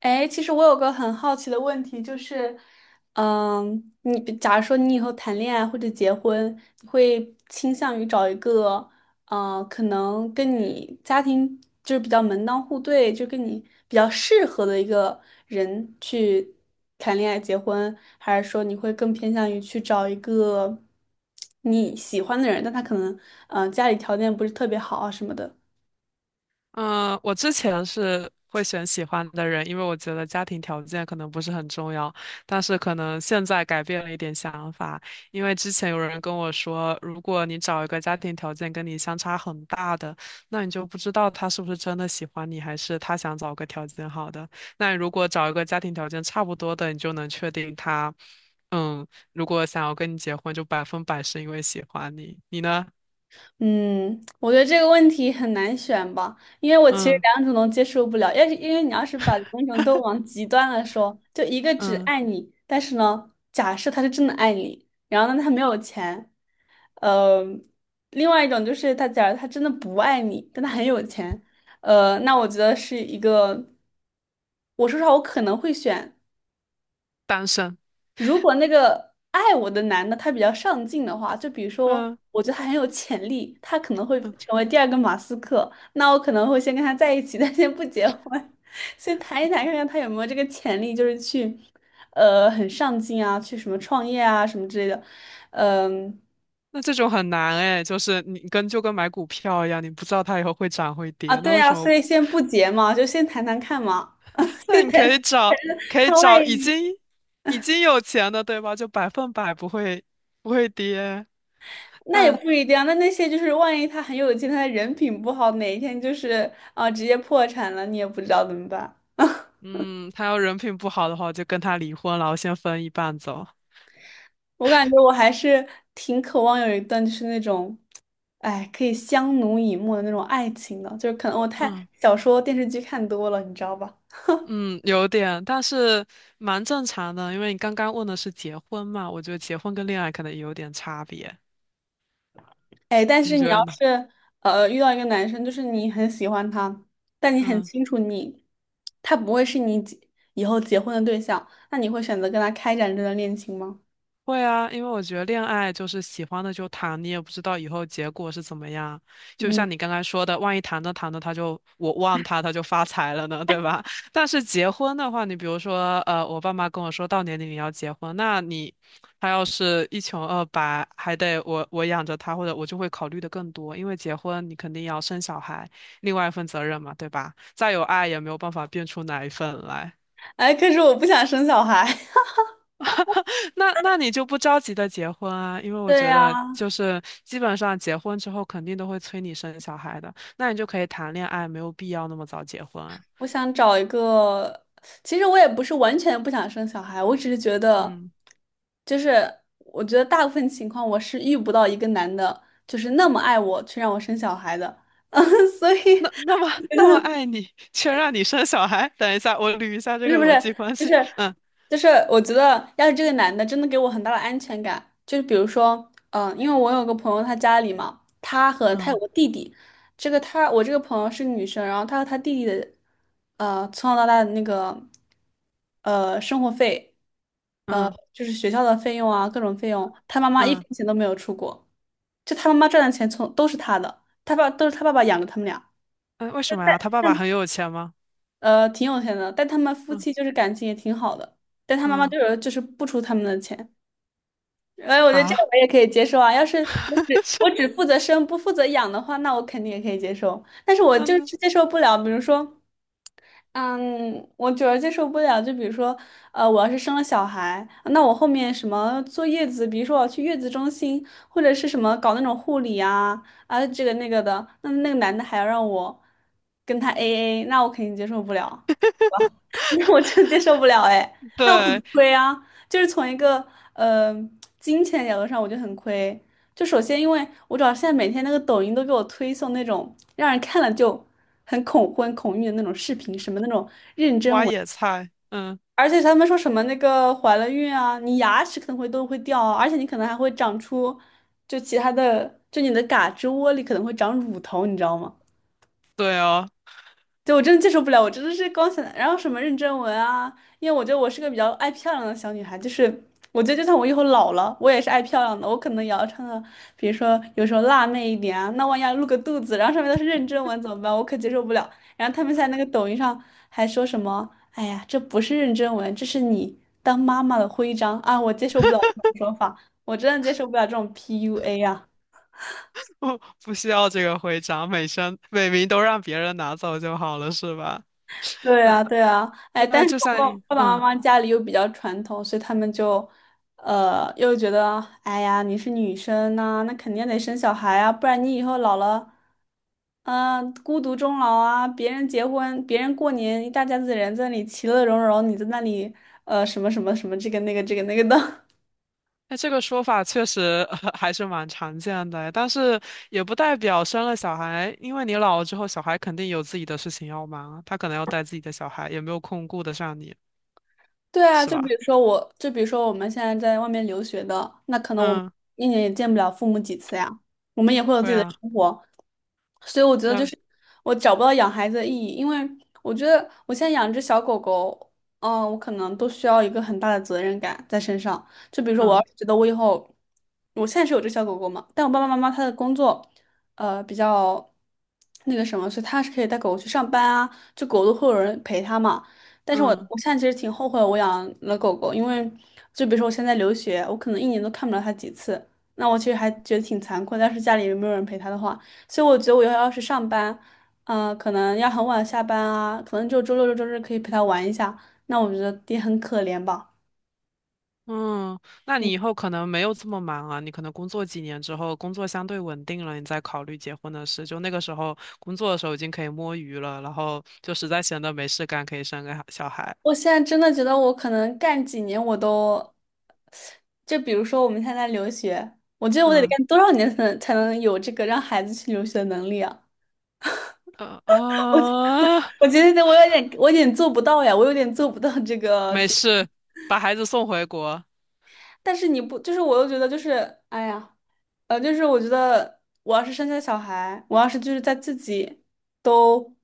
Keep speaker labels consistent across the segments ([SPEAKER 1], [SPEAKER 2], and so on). [SPEAKER 1] 哎，其实我有个很好奇的问题，就是，嗯，你假如说你以后谈恋爱或者结婚，你会倾向于找一个，可能跟你家庭就是比较门当户对，就跟你比较适合的一个人去谈恋爱结婚，还是说你会更偏向于去找一个你喜欢的人，但他可能，嗯，家里条件不是特别好啊什么的？
[SPEAKER 2] 嗯，我之前是会选喜欢的人，因为我觉得家庭条件可能不是很重要，但是可能现在改变了一点想法，因为之前有人跟我说，如果你找一个家庭条件跟你相差很大的，那你就不知道他是不是真的喜欢你，还是他想找个条件好的。那如果找一个家庭条件差不多的，你就能确定他，嗯，如果想要跟你结婚，就百分百是因为喜欢你。你呢？
[SPEAKER 1] 嗯，我觉得这个问题很难选吧，因为我其实
[SPEAKER 2] 嗯
[SPEAKER 1] 两种都接受不了。要是因为你要是把两种都往极端了说，就一个只
[SPEAKER 2] 嗯，
[SPEAKER 1] 爱你，但是呢，假设他是真的爱你，然后呢他没有钱，呃，另外一种就是他假如他真的不爱你，但他很有钱，那我觉得是一个，我说实话，我可能会选。
[SPEAKER 2] 单身。
[SPEAKER 1] 如果那个爱我的男的他比较上进的话，就比如说，
[SPEAKER 2] 嗯
[SPEAKER 1] 我觉得他很有潜力，他可能会
[SPEAKER 2] 嗯。
[SPEAKER 1] 成为第二个马斯克，那我可能会先跟他在一起，但先不结婚，先谈一谈，看看他有没有这个潜力，就是去，很上进啊，去什么创业啊，什么之类的，嗯，
[SPEAKER 2] 那这种很难哎，就是就跟买股票一样，你不知道它以后会涨会
[SPEAKER 1] 啊，
[SPEAKER 2] 跌，那
[SPEAKER 1] 对
[SPEAKER 2] 为
[SPEAKER 1] 啊，
[SPEAKER 2] 什么？
[SPEAKER 1] 所以先不结嘛，就先谈谈看嘛，就
[SPEAKER 2] 那你可以
[SPEAKER 1] 谈
[SPEAKER 2] 找 可以
[SPEAKER 1] 他万
[SPEAKER 2] 找已
[SPEAKER 1] 一。
[SPEAKER 2] 经已经有钱的，对吧？就百分百不会跌，
[SPEAKER 1] 那也
[SPEAKER 2] 但
[SPEAKER 1] 不一定啊。那那些就是万一他很有钱，他的人品不好，哪一天就是啊、直接破产了，你也不知道怎么办。
[SPEAKER 2] 嗯，他要人品不好的话，我就跟他离婚了，我先分一半走。
[SPEAKER 1] 我感觉我还是挺渴望有一段就是那种，哎，可以相濡以沫的那种爱情的，就是可能我太
[SPEAKER 2] 嗯
[SPEAKER 1] 小说电视剧看多了，你知道吧？
[SPEAKER 2] 嗯，有点，但是蛮正常的，因为你刚刚问的是结婚嘛，我觉得结婚跟恋爱可能也有点差别，
[SPEAKER 1] 哎，但
[SPEAKER 2] 你
[SPEAKER 1] 是你
[SPEAKER 2] 觉
[SPEAKER 1] 要
[SPEAKER 2] 得呢？
[SPEAKER 1] 是遇到一个男生，就是你很喜欢他，但你很
[SPEAKER 2] 嗯。
[SPEAKER 1] 清楚你他不会是你结以后结婚的对象，那你会选择跟他开展这段恋情吗？
[SPEAKER 2] 会啊，因为我觉得恋爱就是喜欢的就谈，你也不知道以后结果是怎么样。就
[SPEAKER 1] 嗯。
[SPEAKER 2] 像你刚才说的，万一谈着谈着他就我忘他，他就发财了呢，对吧？但是结婚的话，你比如说，我爸妈跟我说到年龄要结婚，他要是一穷二白，还得我养着他，或者我就会考虑的更多，因为结婚你肯定要生小孩，另外一份责任嘛，对吧？再有爱也没有办法变出哪一份来。
[SPEAKER 1] 哎，可是我不想生小孩。
[SPEAKER 2] 那你就不着急的结婚啊，因为 我
[SPEAKER 1] 对
[SPEAKER 2] 觉得就
[SPEAKER 1] 呀，
[SPEAKER 2] 是基本上结婚之后肯定都会催你生小孩的，那你就可以谈恋爱，没有必要那么早结婚啊。
[SPEAKER 1] 我想找一个。其实我也不是完全不想生小孩，我只是觉得，
[SPEAKER 2] 嗯，
[SPEAKER 1] 就是我觉得大部分情况我是遇不到一个男的，就是那么爱我，去让我生小孩的。所以
[SPEAKER 2] 那那么那么爱你，却让你生小孩。等一下，我捋一下这
[SPEAKER 1] 不是
[SPEAKER 2] 个
[SPEAKER 1] 不是，
[SPEAKER 2] 逻辑关
[SPEAKER 1] 就
[SPEAKER 2] 系。
[SPEAKER 1] 是
[SPEAKER 2] 嗯
[SPEAKER 1] 我觉得要是这个男的真的给我很大的安全感，就是比如说，嗯，因为我有个朋友，他家里嘛，他和他有
[SPEAKER 2] 嗯
[SPEAKER 1] 个弟弟，这个他我这个朋友是个女生，然后他和他弟弟的，从小到大的那个，生活费，呃，
[SPEAKER 2] 嗯
[SPEAKER 1] 就是学校的费用啊，各种费用，他妈妈一
[SPEAKER 2] 嗯
[SPEAKER 1] 分钱都没有出过，就他妈妈赚的钱从都是他的，他爸爸养着他们俩。
[SPEAKER 2] 嗯，为什么呀？他爸爸很有钱吗？
[SPEAKER 1] 挺有钱的，但他们夫
[SPEAKER 2] 嗯
[SPEAKER 1] 妻就是感情也挺好的，但他妈妈
[SPEAKER 2] 嗯
[SPEAKER 1] 就是不出他们的钱，哎，我觉得这个
[SPEAKER 2] 啊，
[SPEAKER 1] 我也可以接受啊。要是
[SPEAKER 2] 是
[SPEAKER 1] 我只负责生不负责养的话，那我肯定也可以接受，但是我就
[SPEAKER 2] 嗯
[SPEAKER 1] 是接受不了，比如说，嗯，我主要接受不了，就比如说，我要是生了小孩，那我后面什么坐月子，比如说我要去月子中心，或者是什么搞那种护理啊啊这个那个的，那那个男的还要让我跟他 AA，那我肯定接受不了。我真接受不了哎，那我很
[SPEAKER 2] 对，
[SPEAKER 1] 亏啊，就是从一个呃金钱角度上，我就很亏。就首先，因为我主要现在每天那个抖音都给我推送那种让人看了就很恐婚恐孕的那种视频，什么那种妊娠
[SPEAKER 2] 挖
[SPEAKER 1] 纹，
[SPEAKER 2] 野菜。嗯，
[SPEAKER 1] 而且他们说什么那个怀了孕啊，你牙齿可能会都会掉啊，而且你可能还会长出就其他的，就你的胳肢窝里可能会长乳头，你知道吗？
[SPEAKER 2] 对哦。
[SPEAKER 1] 对，我真的接受不了，我真的是光想，然后什么认真文啊，因为我觉得我是个比较爱漂亮的小女孩，就是我觉得就算我以后老了，我也是爱漂亮的，我可能也要穿的，比如说有时候辣妹一点啊，那万一要露个肚子，然后上面都是认真文怎么办？我可接受不了。然后他们在那个抖音上还说什么，哎呀，这不是认真文，这是你当妈妈的徽章啊，我接受不了这种说法，我真的接受不了这种 PUA 啊。
[SPEAKER 2] 不不需要这个徽章，每生每名都让别人拿走就好了，是吧？
[SPEAKER 1] 对
[SPEAKER 2] 嗯，
[SPEAKER 1] 啊，对啊，哎，
[SPEAKER 2] 对啊，
[SPEAKER 1] 但是
[SPEAKER 2] 就像
[SPEAKER 1] 爸爸妈
[SPEAKER 2] 嗯，
[SPEAKER 1] 妈家里又比较传统，所以他们就，又觉得，哎呀，你是女生呐、那肯定得生小孩啊，不然你以后老了，嗯、孤独终老啊，别人结婚，别人过年，一大家子人在那里其乐融融，你在那里，什么什么什么这个那个这个那个的，
[SPEAKER 2] 那这个说法确实 还是蛮常见的，但是也不代表生了小孩，因为你老了之后，小孩肯定有自己的事情要忙啊，他可能要带自己的小孩，也没有空顾得上你，
[SPEAKER 1] 对啊，
[SPEAKER 2] 是吧？
[SPEAKER 1] 就比如说我们现在在外面留学的，那可能我们
[SPEAKER 2] 嗯，
[SPEAKER 1] 一年也见不了父母几次呀，我们也会有自
[SPEAKER 2] 对
[SPEAKER 1] 己的
[SPEAKER 2] 啊，
[SPEAKER 1] 生活，所以我觉得就
[SPEAKER 2] 对，
[SPEAKER 1] 是我找不到养孩子的意义，因为我觉得我现在养只小狗狗，嗯、我可能都需要一个很大的责任感在身上。就比如说，我要
[SPEAKER 2] 嗯
[SPEAKER 1] 是觉得我以后，我现在是有只小狗狗嘛，但我爸爸妈妈他的工作，比较那个什么，所以他是可以带狗狗去上班啊，就狗都会有人陪他嘛。但是我
[SPEAKER 2] 嗯。
[SPEAKER 1] 我现在其实挺后悔我养了狗狗，因为就比如说我现在留学，我可能一年都看不了它几次，那我其实还觉得挺残酷的。要是家里没有人陪它的话，所以我觉得要是上班，嗯、可能要很晚下班啊，可能就周六周日可以陪它玩一下，那我觉得也很可怜吧。
[SPEAKER 2] 嗯，那
[SPEAKER 1] 嗯，
[SPEAKER 2] 你以后可能没有这么忙啊，你可能工作几年之后，工作相对稳定了，你再考虑结婚的事。就那个时候，工作的时候已经可以摸鱼了，然后就实在闲得没事干，可以生个小孩。
[SPEAKER 1] 我现在真的觉得我可能干几年我都，就比如说我们现在留学，我觉得我得
[SPEAKER 2] 嗯，
[SPEAKER 1] 干多少年才能有这个让孩子去留学的能力啊？
[SPEAKER 2] 呃啊，
[SPEAKER 1] 我 觉得我有点做不到呀，我有点做不到这个
[SPEAKER 2] 没
[SPEAKER 1] 这，
[SPEAKER 2] 事，把孩子送回国。
[SPEAKER 1] 但是你不，就是我又觉得就是，哎呀，就是我觉得我要是生下小孩，我要是就是在自己都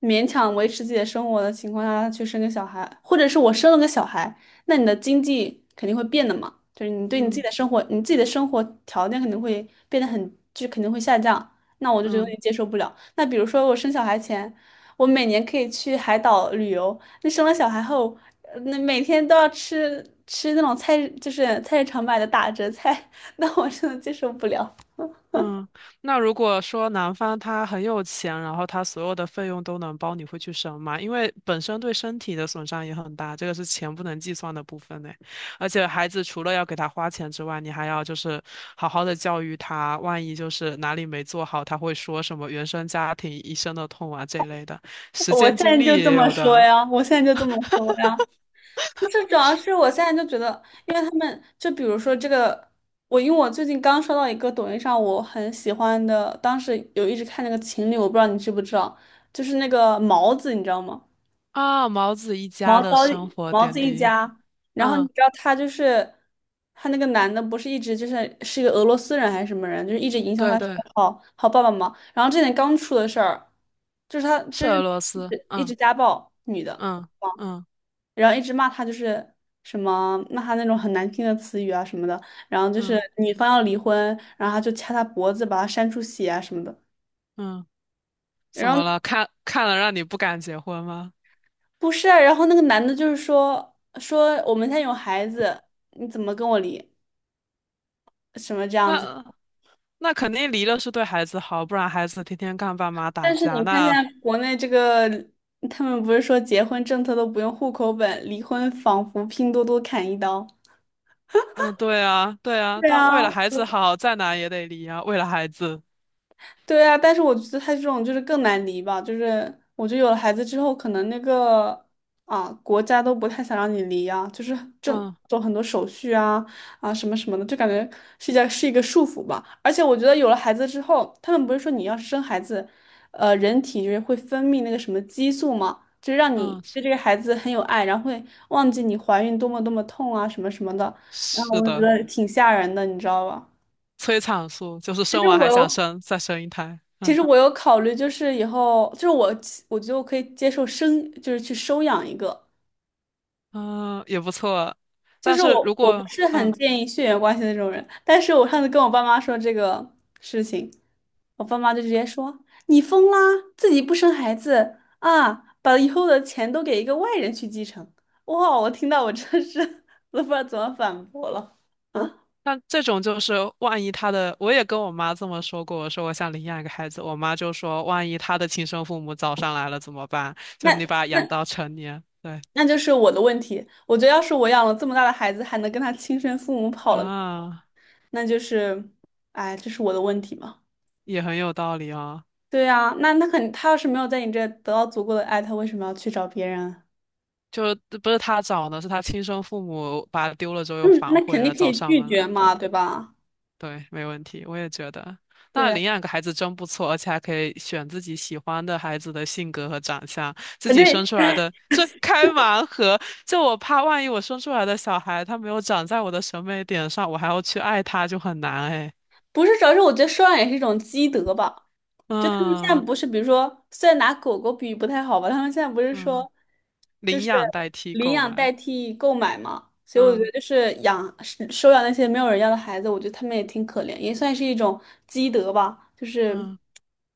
[SPEAKER 1] 勉强维持自己的生活的情况下去生个小孩，或者是我生了个小孩，那你的经济肯定会变的嘛，就是
[SPEAKER 2] 嗯
[SPEAKER 1] 你自己的生活条件肯定会变得很，就肯定会下降。那我就觉得有
[SPEAKER 2] 嗯。
[SPEAKER 1] 点接受不了。那比如说我生小孩前，我每年可以去海岛旅游，那生了小孩后，呃那每天都要吃那种菜，就是菜市场买的打折菜。那我真的接受不了。
[SPEAKER 2] 嗯，那如果说男方他很有钱，然后他所有的费用都能包，你会去生吗？因为本身对身体的损伤也很大，这个是钱不能计算的部分呢。而且孩子除了要给他花钱之外，你还要就是好好的教育他，万一就是哪里没做好，他会说什么原生家庭一生的痛啊这一类的，时间精力也有的
[SPEAKER 1] 我现在就这么说呀。就是主要是我现在就觉得，因为他们就比如说这个，因为我最近刚刷到一个抖音上我很喜欢的，当时有一直看那个情侣，我不知道你知不知道，就是那个毛子，你知道吗？
[SPEAKER 2] 啊。毛子一家
[SPEAKER 1] 毛
[SPEAKER 2] 的
[SPEAKER 1] 躁
[SPEAKER 2] 生活
[SPEAKER 1] 毛
[SPEAKER 2] 点
[SPEAKER 1] 子一
[SPEAKER 2] 滴，
[SPEAKER 1] 家，然后你
[SPEAKER 2] 嗯，
[SPEAKER 1] 知道他就是他那个男的，不是一直就是是一个俄罗斯人还是什么人，就是一直影响
[SPEAKER 2] 对
[SPEAKER 1] 他
[SPEAKER 2] 对，
[SPEAKER 1] 好好爸爸嘛。然后这点刚出的事儿，就是他
[SPEAKER 2] 是
[SPEAKER 1] 就是
[SPEAKER 2] 俄罗
[SPEAKER 1] 一
[SPEAKER 2] 斯，
[SPEAKER 1] 直一直家暴女的，
[SPEAKER 2] 嗯嗯
[SPEAKER 1] 然后一直骂他就是什么骂他那种很难听的词语啊什么的，然后就
[SPEAKER 2] 嗯嗯
[SPEAKER 1] 是
[SPEAKER 2] 嗯。
[SPEAKER 1] 女方要离婚，然后他就掐他脖子把他扇出血啊什么的。
[SPEAKER 2] 嗯
[SPEAKER 1] 然
[SPEAKER 2] 怎
[SPEAKER 1] 后
[SPEAKER 2] 么了？看看了让你不敢结婚吗？
[SPEAKER 1] 不是啊，然后那个男的就是说我们现在有孩子，你怎么跟我离？什么这样子。
[SPEAKER 2] 那那肯定离了是对孩子好，不然孩子天天看爸妈打
[SPEAKER 1] 但是
[SPEAKER 2] 架。
[SPEAKER 1] 你看现
[SPEAKER 2] 那
[SPEAKER 1] 在国内这个，他们不是说结婚政策都不用户口本，离婚仿佛拼多多砍一刀。
[SPEAKER 2] 嗯，对啊，对啊，
[SPEAKER 1] 对
[SPEAKER 2] 但为
[SPEAKER 1] 啊，
[SPEAKER 2] 了孩子好，再难也得离啊。为了孩子，
[SPEAKER 1] 对啊，但是我觉得他这种就是更难离吧，就是我觉得有了孩子之后，可能那个啊国家都不太想让你离啊，就是正
[SPEAKER 2] 嗯
[SPEAKER 1] 走很多手续啊什么什么的，就感觉是一个束缚吧。而且我觉得有了孩子之后，他们不是说你要是生孩子，人体就是会分泌那个什么激素嘛，就是让你
[SPEAKER 2] 嗯，是
[SPEAKER 1] 对这个孩子很有爱，然后会忘记你怀孕多么多么痛啊什么什么的，然后
[SPEAKER 2] 是
[SPEAKER 1] 我就觉
[SPEAKER 2] 的，
[SPEAKER 1] 得挺吓人的，你知道吧？
[SPEAKER 2] 催产素就是
[SPEAKER 1] 其
[SPEAKER 2] 生
[SPEAKER 1] 实
[SPEAKER 2] 完
[SPEAKER 1] 我
[SPEAKER 2] 还想
[SPEAKER 1] 又。
[SPEAKER 2] 生，再生一胎。
[SPEAKER 1] 其
[SPEAKER 2] 嗯
[SPEAKER 1] 实我有考虑，就是以后，就是我觉得我可以接受生，就是去收养一个。
[SPEAKER 2] 嗯，也不错。
[SPEAKER 1] 就
[SPEAKER 2] 但
[SPEAKER 1] 是
[SPEAKER 2] 是
[SPEAKER 1] 我，
[SPEAKER 2] 如
[SPEAKER 1] 我不
[SPEAKER 2] 果
[SPEAKER 1] 是很
[SPEAKER 2] 嗯
[SPEAKER 1] 建议血缘关系的这种人，但是我上次跟我爸妈说这个事情，我爸妈就直接说："你疯啦，自己不生孩子啊，把以后的钱都给一个外人去继承。"哇，我听到我真是 都不知道怎么反驳了。啊，
[SPEAKER 2] 那这种就是，万一他的，我也跟我妈这么说过，我说我想领养一个孩子，我妈就说，万一他的亲生父母找上来了怎么办？就是
[SPEAKER 1] 那
[SPEAKER 2] 你把他养到成年，对
[SPEAKER 1] 那就是我的问题。我觉得要是我养了这么大的孩子，还能跟他亲生父母跑了，
[SPEAKER 2] 啊，
[SPEAKER 1] 那就是，哎，这是我的问题嘛？
[SPEAKER 2] 也很有道理啊。
[SPEAKER 1] 对呀，那那肯，他要是没有在你这得到足够的爱，他为什么要去找别人？
[SPEAKER 2] 就不是他找的，是他亲生父母把他丢了之后又
[SPEAKER 1] 嗯，
[SPEAKER 2] 反
[SPEAKER 1] 那
[SPEAKER 2] 悔
[SPEAKER 1] 肯定
[SPEAKER 2] 了，
[SPEAKER 1] 可
[SPEAKER 2] 找
[SPEAKER 1] 以
[SPEAKER 2] 上
[SPEAKER 1] 拒
[SPEAKER 2] 门
[SPEAKER 1] 绝
[SPEAKER 2] 来，对
[SPEAKER 1] 嘛，
[SPEAKER 2] 吧？
[SPEAKER 1] 对吧？
[SPEAKER 2] 对，没问题，我也觉得。
[SPEAKER 1] 对
[SPEAKER 2] 那
[SPEAKER 1] 啊，
[SPEAKER 2] 领养个孩子真不错，而且还可以选自己喜欢的孩子的性格和长相，自
[SPEAKER 1] 呃
[SPEAKER 2] 己
[SPEAKER 1] 对，
[SPEAKER 2] 生出来的这开盲盒。就我怕万一我生出来的小孩他没有长在我的审美点上，我还要去爱他就很难哎。
[SPEAKER 1] 不是主要是我觉得收养也是一种积德吧。就他们现在
[SPEAKER 2] 嗯
[SPEAKER 1] 不是，比如说，虽然拿狗狗比喻不太好吧，他们现在不是
[SPEAKER 2] 嗯，
[SPEAKER 1] 说，就
[SPEAKER 2] 领
[SPEAKER 1] 是
[SPEAKER 2] 养代替
[SPEAKER 1] 领
[SPEAKER 2] 购
[SPEAKER 1] 养代
[SPEAKER 2] 买，
[SPEAKER 1] 替购买嘛，所以我觉
[SPEAKER 2] 嗯
[SPEAKER 1] 得就是养收养那些没有人要的孩子，我觉得他们也挺可怜，也算是一种积德吧。就是
[SPEAKER 2] 嗯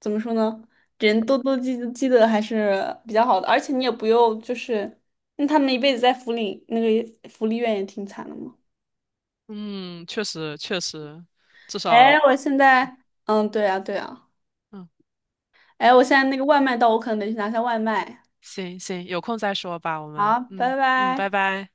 [SPEAKER 1] 怎么说呢，人多多积德还是比较好的，而且你也不用就是那他们一辈子在福利那个福利院也挺惨的嘛。
[SPEAKER 2] 嗯，确实确实，至
[SPEAKER 1] 哎，
[SPEAKER 2] 少
[SPEAKER 1] 我现在嗯，对啊，对啊，
[SPEAKER 2] 嗯
[SPEAKER 1] 哎，我现在那个外卖到，我可能得去拿下外卖。
[SPEAKER 2] 行行，有空再说吧，我们
[SPEAKER 1] 好，拜
[SPEAKER 2] 嗯嗯，拜
[SPEAKER 1] 拜。
[SPEAKER 2] 拜。